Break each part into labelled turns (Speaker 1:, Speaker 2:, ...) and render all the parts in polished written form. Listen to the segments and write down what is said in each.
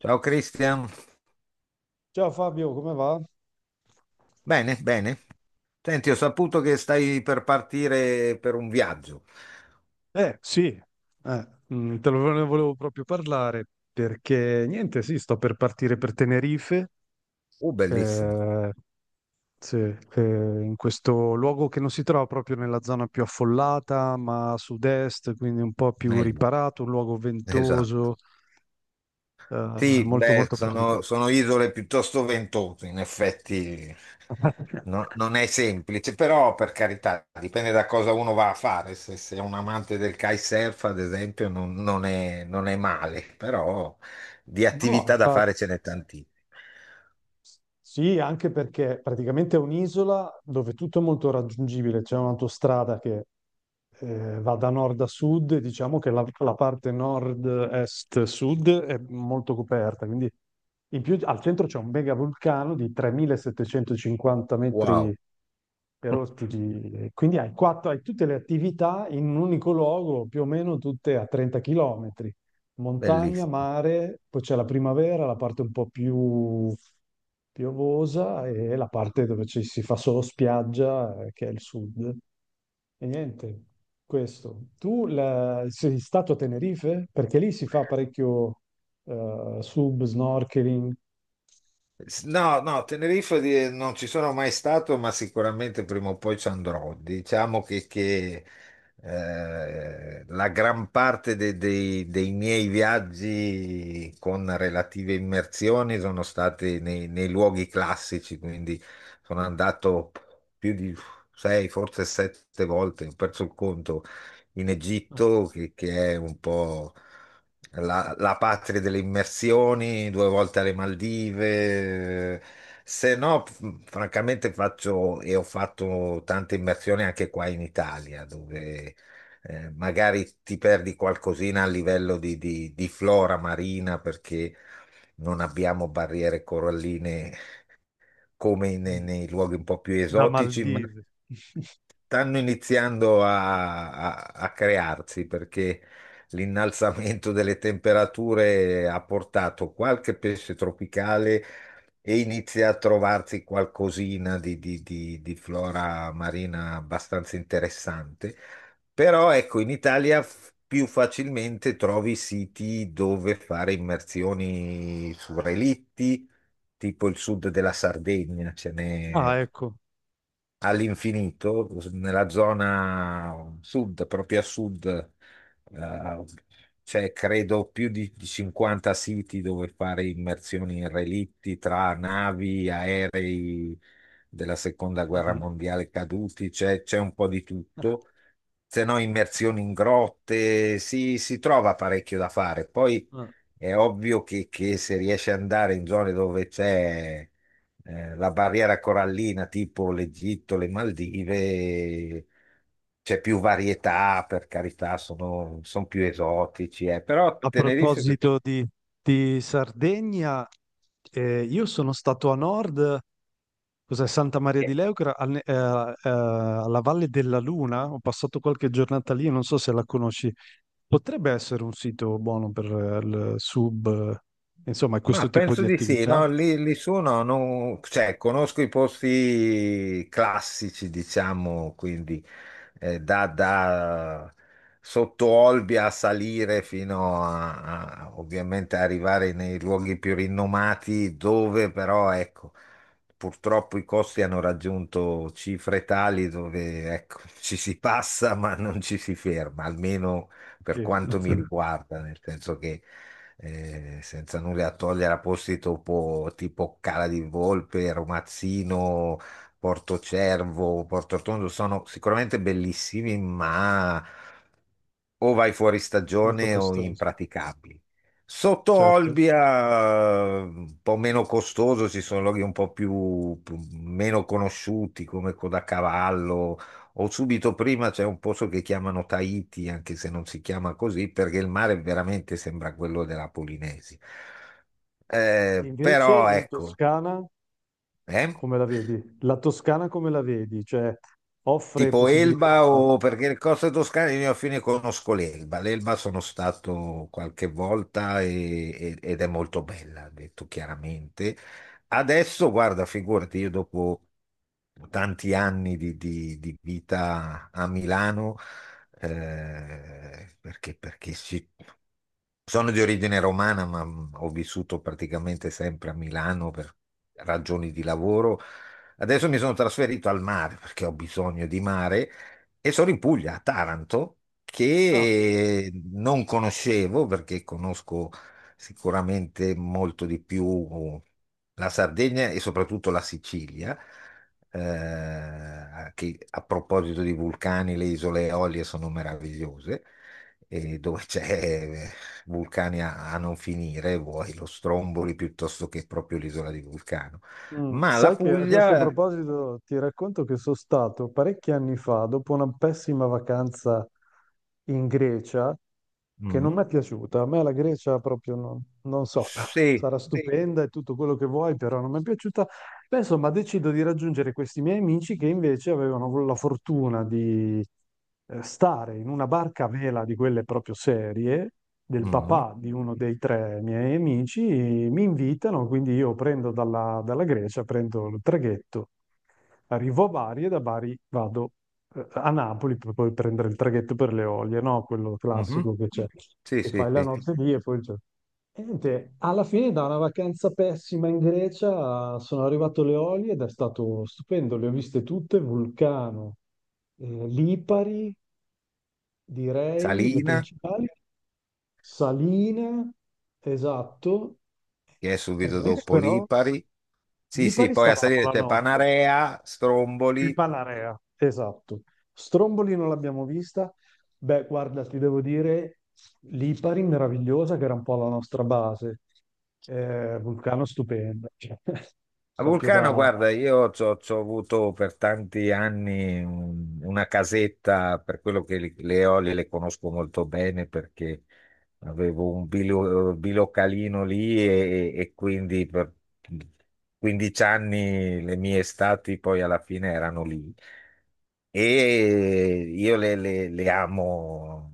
Speaker 1: Ciao Cristian,
Speaker 2: Ciao Fabio, come va?
Speaker 1: bene, bene. Senti, ho saputo che stai per partire per un viaggio.
Speaker 2: Eh sì, eh, ne volevo proprio parlare perché niente, sì, sto per partire per Tenerife,
Speaker 1: Bellissimo,
Speaker 2: eh, sì, in questo luogo che non si trova proprio nella zona più affollata, ma a sud-est, quindi un po' più
Speaker 1: meglio,
Speaker 2: riparato, un luogo
Speaker 1: esatto.
Speaker 2: ventoso, eh,
Speaker 1: Sì,
Speaker 2: molto
Speaker 1: beh,
Speaker 2: molto
Speaker 1: sono,
Speaker 2: particolare.
Speaker 1: sono isole piuttosto ventose, in effetti. Non è semplice, però per carità, dipende da cosa uno va a fare. Se sei un amante del kitesurf, ad esempio, non è male, però di
Speaker 2: No,
Speaker 1: attività da fare ce n'è tantissime.
Speaker 2: sì, anche perché praticamente è un'isola dove tutto è molto raggiungibile, c'è un'autostrada che va da nord a sud, e diciamo che la parte nord-est-sud è molto coperta, quindi in più al centro c'è un mega vulcano di 3750 metri
Speaker 1: Wow,
Speaker 2: per ospiti. Quindi hai, quattro, hai tutte le attività in un unico luogo, più o meno tutte a 30 km. Montagna,
Speaker 1: bellissimo.
Speaker 2: mare, poi c'è la primavera, la parte un po' più piovosa e la parte dove ci si fa solo spiaggia, che è il sud. E niente, questo. Sei stato a Tenerife? Perché lì si fa parecchio sub, snorkeling.
Speaker 1: No, no, Tenerife non ci sono mai stato, ma sicuramente prima o poi ci andrò. Diciamo che la gran parte dei miei viaggi con relative immersioni sono stati nei luoghi classici, quindi sono andato più di sei, forse sette volte, ho perso il conto, in
Speaker 2: Ah,
Speaker 1: Egitto, che è un po'. La patria delle immersioni, due volte alle Maldive. Se no, francamente faccio e ho fatto tante immersioni anche qua in Italia, dove magari ti perdi qualcosina a livello di flora marina perché non abbiamo barriere coralline come nei,
Speaker 2: mm.
Speaker 1: nei luoghi un po' più
Speaker 2: Da
Speaker 1: esotici, ma
Speaker 2: Maldive.
Speaker 1: stanno iniziando a crearsi perché l'innalzamento delle temperature ha portato qualche pesce tropicale e inizia a trovarsi qualcosina di flora marina abbastanza interessante. Però ecco, in Italia più facilmente trovi siti dove fare immersioni su relitti, tipo il sud della Sardegna, ce n'è
Speaker 2: Ah, ecco.
Speaker 1: all'infinito, nella zona sud, proprio a sud, eh, c'è credo più di 50 siti dove fare immersioni in relitti tra navi, aerei della seconda guerra
Speaker 2: Mhm.
Speaker 1: mondiale caduti, c'è un po' di tutto. Se no, immersioni in grotte, si trova parecchio da fare. Poi è ovvio che se riesci ad andare in zone dove c'è la barriera corallina tipo l'Egitto, le Maldive, c'è più varietà, per carità, sono più esotici, però
Speaker 2: A
Speaker 1: Tenerife.
Speaker 2: proposito di Sardegna, io sono stato a nord, cos'è Santa Maria di Leucra, alla Valle della Luna, ho passato qualche giornata lì, non so se la conosci. Potrebbe essere un sito buono per il sub, insomma,
Speaker 1: Ma
Speaker 2: questo tipo
Speaker 1: penso
Speaker 2: di
Speaker 1: di sì,
Speaker 2: attività.
Speaker 1: no, lì su no, cioè, conosco i posti classici, diciamo, quindi da sotto Olbia a salire fino ovviamente a arrivare nei luoghi più rinomati, dove però, ecco, purtroppo i costi hanno raggiunto cifre tali dove, ecco, ci si passa ma non ci si ferma, almeno per
Speaker 2: Sì.
Speaker 1: quanto mi riguarda, nel senso che senza nulla a togliere a posti tipo Cala di Volpe, Romazzino, Porto Cervo, Porto Rotondo, sono sicuramente bellissimi, ma o vai fuori
Speaker 2: Molto
Speaker 1: stagione o
Speaker 2: costoso,
Speaker 1: impraticabili. Sotto
Speaker 2: certo.
Speaker 1: Olbia, un po' meno costoso, ci sono loghi un po' meno conosciuti come Codacavallo o subito prima c'è un posto che chiamano Tahiti, anche se non si chiama così, perché il mare veramente sembra quello della Polinesi.
Speaker 2: Invece
Speaker 1: Però
Speaker 2: in
Speaker 1: ecco.
Speaker 2: Toscana,
Speaker 1: Eh?
Speaker 2: come la vedi? La Toscana come la vedi? Cioè, offre
Speaker 1: Tipo
Speaker 2: possibilità...
Speaker 1: Elba o perché le coste toscane io a fine conosco l'Elba. L'Elba sono stato qualche volta ed è molto bella, detto chiaramente. Adesso, guarda, figurati, io dopo tanti anni di vita a Milano, perché sono di origine romana, ma ho vissuto praticamente sempre a Milano per ragioni di lavoro. Adesso mi sono trasferito al mare perché ho bisogno di mare e sono in Puglia, a Taranto,
Speaker 2: Ah.
Speaker 1: che non conoscevo perché conosco sicuramente molto di più la Sardegna e soprattutto la Sicilia. Che a proposito di vulcani, le isole Eolie sono meravigliose e dove c'è vulcani a non finire, vuoi lo Stromboli piuttosto che proprio l'isola di Vulcano. Ma la
Speaker 2: Sai che a questo
Speaker 1: Puglia.
Speaker 2: proposito ti racconto che sono stato parecchi anni fa, dopo una pessima vacanza in Grecia, che non mi
Speaker 1: Mm.
Speaker 2: è piaciuta. A me la Grecia proprio non, non so,
Speaker 1: Sì.
Speaker 2: sarà, sì, stupenda e tutto quello che vuoi, però non mi è piaciuta. Beh, insomma, decido di raggiungere questi miei amici che invece avevano la fortuna di stare in una barca a vela di quelle proprio serie, del
Speaker 1: Mm.
Speaker 2: papà di uno dei tre miei amici, e mi invitano, quindi io prendo dalla Grecia, prendo il traghetto, arrivo a Bari e da Bari vado a Napoli per poi prendere il traghetto per le Olie, no? Quello
Speaker 1: Mhm.
Speaker 2: classico che c'è,
Speaker 1: Sì,
Speaker 2: che
Speaker 1: sì,
Speaker 2: fai la
Speaker 1: sì.
Speaker 2: notte lì e poi il e niente, alla fine da una vacanza pessima in Grecia sono arrivato alle Eolie ed è stato stupendo, le ho viste tutte, Vulcano, Lipari, direi le
Speaker 1: Salina,
Speaker 2: principali, Saline, esatto,
Speaker 1: che è subito
Speaker 2: praticamente.
Speaker 1: dopo
Speaker 2: Però
Speaker 1: Lipari. Sì, sì,
Speaker 2: Lipari
Speaker 1: poi a
Speaker 2: stavamo
Speaker 1: salire
Speaker 2: la
Speaker 1: c'è
Speaker 2: notte.
Speaker 1: Panarea,
Speaker 2: Il
Speaker 1: Stromboli.
Speaker 2: Panarea, esatto. Stromboli non l'abbiamo vista. Beh, guarda, ti devo dire, l'Ipari meravigliosa, che era un po' la nostra base. Vulcano stupendo, cioè,
Speaker 1: A
Speaker 2: proprio
Speaker 1: Vulcano,
Speaker 2: da...
Speaker 1: guarda, io ci ho c'ho avuto per tanti anni una casetta, per quello che le olie le conosco molto bene perché avevo un bilocalino lì e quindi per 15 anni le mie estati poi alla fine erano lì. E io le amo,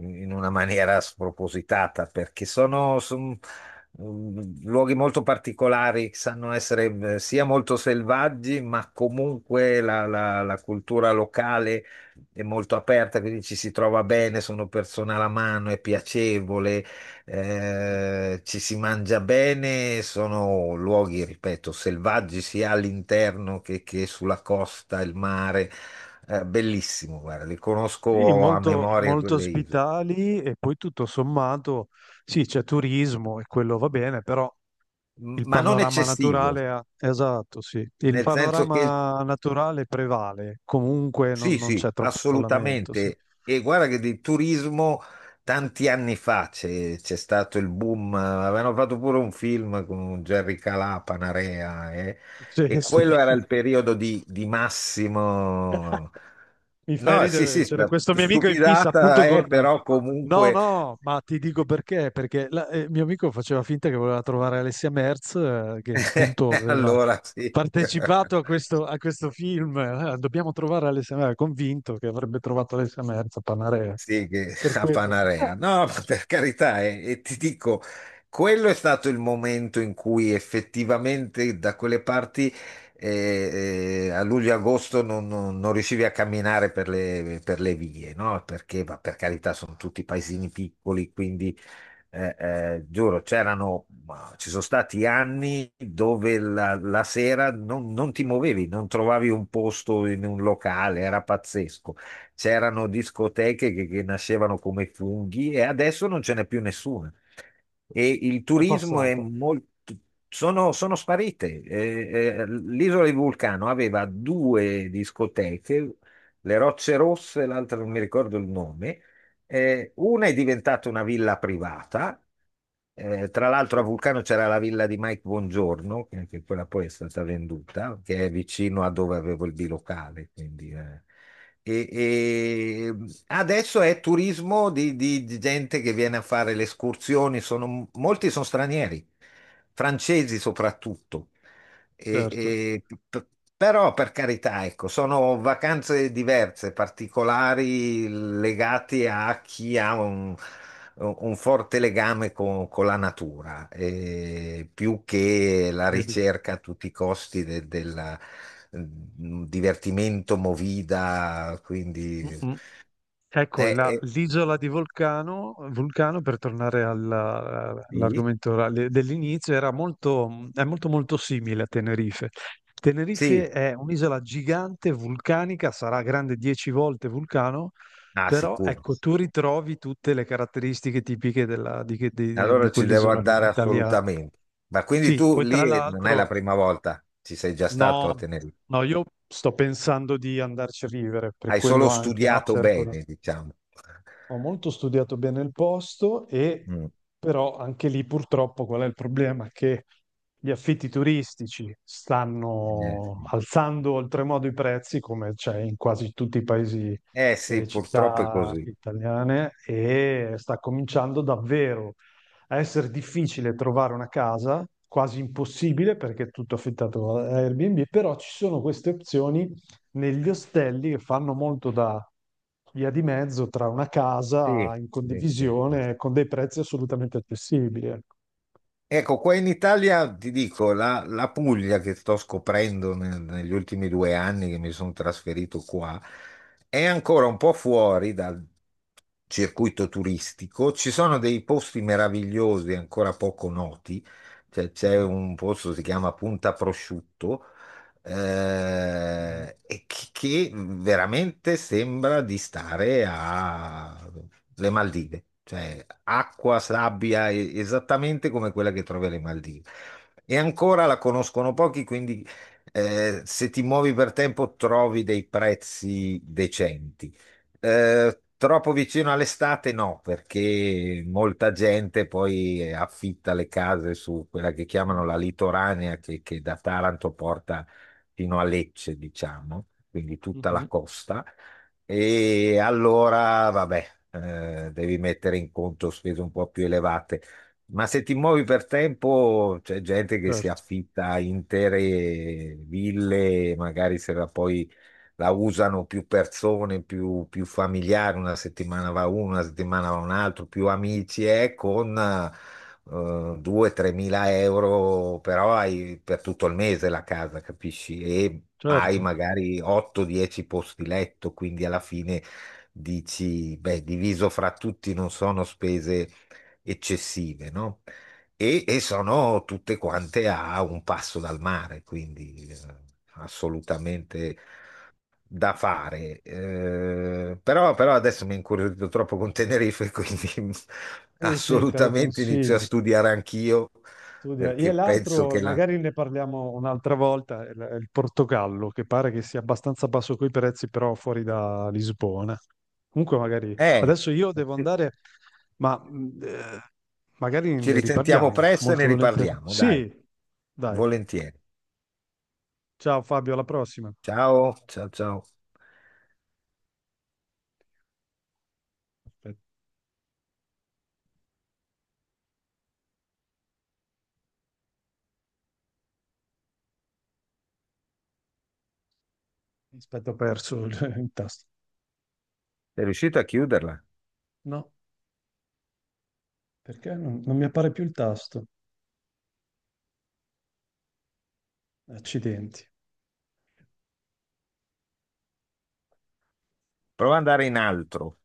Speaker 1: in una maniera spropositata, perché sono luoghi molto particolari, che sanno essere sia molto selvaggi, ma comunque la cultura locale è molto aperta, quindi ci si trova bene, sono persone alla mano, è piacevole, ci si mangia bene, sono luoghi, ripeto, selvaggi sia all'interno che sulla costa, il mare. Bellissimo, guarda, li
Speaker 2: Sì,
Speaker 1: conosco a
Speaker 2: molto,
Speaker 1: memoria
Speaker 2: molto
Speaker 1: quelle isole.
Speaker 2: ospitali e poi tutto sommato, sì, c'è turismo e quello va bene, però il
Speaker 1: Ma non
Speaker 2: panorama
Speaker 1: eccessivo,
Speaker 2: naturale, esatto, sì, il
Speaker 1: nel senso che
Speaker 2: panorama naturale prevale, comunque non,
Speaker 1: sì,
Speaker 2: non
Speaker 1: sì,
Speaker 2: c'è troppo affollamento, sì.
Speaker 1: assolutamente. E guarda che di turismo tanti anni fa c'è stato il boom, avevano fatto pure un film con Jerry Calà, Panarea,
Speaker 2: Sì,
Speaker 1: e
Speaker 2: sì.
Speaker 1: quello era il periodo di massimo...
Speaker 2: Mi fai
Speaker 1: No, sì,
Speaker 2: ridere,
Speaker 1: sì,
Speaker 2: c'era questo mio amico in fissa appunto
Speaker 1: stupidata,
Speaker 2: con...
Speaker 1: però
Speaker 2: No,
Speaker 1: comunque...
Speaker 2: no, ma ti dico perché, perché mio amico faceva finta che voleva trovare Alessia Merz, che appunto aveva
Speaker 1: Allora sì.
Speaker 2: partecipato a questo film. Dobbiamo trovare Alessia Merz, convinto che avrebbe trovato Alessia Merz a Panarea.
Speaker 1: Sì, che
Speaker 2: Per
Speaker 1: a
Speaker 2: quello
Speaker 1: Panarea. No, ma per carità, e ti dico, quello è stato il momento in cui effettivamente da quelle parti a luglio-agosto non riuscivi a camminare per le vie, no? Perché, ma per carità, sono tutti paesini piccoli, quindi giuro, c'erano, ma ci sono stati anni dove la sera non ti muovevi, non trovavi un posto in un locale, era pazzesco. C'erano discoteche che nascevano come funghi e adesso non ce n'è più nessuna. E il
Speaker 2: è
Speaker 1: turismo è
Speaker 2: passata.
Speaker 1: molto... Sono sparite. L'isola di Vulcano aveva due discoteche, le Rocce Rosse, l'altra non mi ricordo il nome, una è diventata una villa privata, tra l'altro a
Speaker 2: Sì.
Speaker 1: Vulcano c'era la villa di Mike Buongiorno, che quella poi è stata venduta, che è vicino a dove avevo il bilocale, quindi. E adesso è turismo di gente che viene a fare le escursioni, molti sono stranieri, francesi soprattutto. E-
Speaker 2: Certo,
Speaker 1: e- p- Però per carità, ecco, sono vacanze diverse, particolari, legate a chi ha un forte legame con la natura, più che la
Speaker 2: vedi.
Speaker 1: ricerca a tutti i costi del divertimento movida,
Speaker 2: Mm,
Speaker 1: quindi...
Speaker 2: mm. Ecco,
Speaker 1: eh, eh,
Speaker 2: l'isola di Vulcano, Vulcano, per tornare
Speaker 1: sì,
Speaker 2: all'argomento orale dell'inizio, era molto, è molto molto simile a Tenerife.
Speaker 1: sì,
Speaker 2: Tenerife è un'isola gigante, vulcanica, sarà grande 10 volte Vulcano,
Speaker 1: ah,
Speaker 2: però
Speaker 1: sicuro.
Speaker 2: ecco, tu ritrovi tutte le caratteristiche tipiche di
Speaker 1: Allora ci devo
Speaker 2: quell'isola lì,
Speaker 1: andare
Speaker 2: italiana.
Speaker 1: assolutamente. Ma quindi
Speaker 2: Sì,
Speaker 1: tu
Speaker 2: poi
Speaker 1: lì
Speaker 2: tra
Speaker 1: non è la
Speaker 2: l'altro,
Speaker 1: prima volta, ci sei già stato
Speaker 2: no,
Speaker 1: a Tenerife.
Speaker 2: no, io sto pensando di andarci a vivere, per
Speaker 1: Hai
Speaker 2: quello
Speaker 1: solo
Speaker 2: anche, no?
Speaker 1: studiato bene, diciamo.
Speaker 2: Ho molto studiato bene il posto, e
Speaker 1: Mm,
Speaker 2: però anche lì purtroppo qual è il problema? Che gli affitti turistici
Speaker 1: eh
Speaker 2: stanno
Speaker 1: sì.
Speaker 2: alzando oltremodo i prezzi, come c'è in quasi tutti i paesi
Speaker 1: Eh
Speaker 2: e
Speaker 1: sì,
Speaker 2: le
Speaker 1: purtroppo è
Speaker 2: città
Speaker 1: così.
Speaker 2: italiane, e sta cominciando davvero a essere difficile trovare una casa, quasi impossibile perché è tutto affittato a Airbnb. Però ci sono queste opzioni negli ostelli che fanno molto da via di mezzo tra una
Speaker 1: Sì,
Speaker 2: casa in
Speaker 1: sì, sì, sì.
Speaker 2: condivisione con dei prezzi assolutamente accessibili. Ecco.
Speaker 1: Ecco, qua in Italia ti dico, la Puglia che sto scoprendo negli ultimi 2 anni che mi sono trasferito qua, è ancora un po' fuori dal circuito turistico. Ci sono dei posti meravigliosi ancora poco noti. Cioè, c'è
Speaker 2: Mhm,
Speaker 1: un posto che si chiama Punta Prosciutto,
Speaker 2: mhm,
Speaker 1: e che veramente sembra di stare alle Maldive, cioè acqua, sabbia, esattamente come quella che trovi alle Maldive. E ancora la conoscono pochi, quindi se ti muovi per tempo trovi dei prezzi decenti. Troppo vicino all'estate no, perché molta gente poi affitta le case su quella che chiamano la litoranea, che da Taranto porta fino a Lecce, diciamo, quindi
Speaker 2: mhm,
Speaker 1: tutta la
Speaker 2: mhm.
Speaker 1: costa. E allora, vabbè, devi mettere in conto spese un po' più elevate. Ma se ti muovi per tempo, c'è gente che si
Speaker 2: Certo,
Speaker 1: affitta intere ville, magari se la poi la usano più persone, più familiari, una settimana va uno, una settimana va un altro, più amici, e con 2-3 mila euro, però hai per tutto il mese la casa, capisci? E hai
Speaker 2: certo.
Speaker 1: magari 8-10 posti letto, quindi alla fine dici, beh, diviso fra tutti non sono spese eccessive, no? E sono tutte quante a un passo dal mare, quindi assolutamente da fare. Però, adesso mi è incuriosito troppo con Tenerife, quindi
Speaker 2: Sì, sì, te lo
Speaker 1: assolutamente inizio a
Speaker 2: consiglio.
Speaker 1: studiare anch'io
Speaker 2: Studia. E
Speaker 1: perché penso
Speaker 2: l'altro,
Speaker 1: che la...
Speaker 2: magari ne parliamo un'altra volta, è il Portogallo, che pare che sia abbastanza basso coi prezzi, però fuori da Lisbona. Comunque magari
Speaker 1: Eh,
Speaker 2: adesso io devo andare, ma magari
Speaker 1: Ci
Speaker 2: ne
Speaker 1: risentiamo
Speaker 2: riparliamo
Speaker 1: presto e ne
Speaker 2: molto volentieri.
Speaker 1: riparliamo, dai,
Speaker 2: Sì, dai.
Speaker 1: volentieri.
Speaker 2: Ciao Fabio, alla prossima.
Speaker 1: Ciao, ciao, ciao.
Speaker 2: Aspetta, aspetta, ho perso il tasto.
Speaker 1: Sei riuscito a chiuderla?
Speaker 2: No, perché non, non mi appare più il tasto? Accidenti.
Speaker 1: Prova ad andare in altro.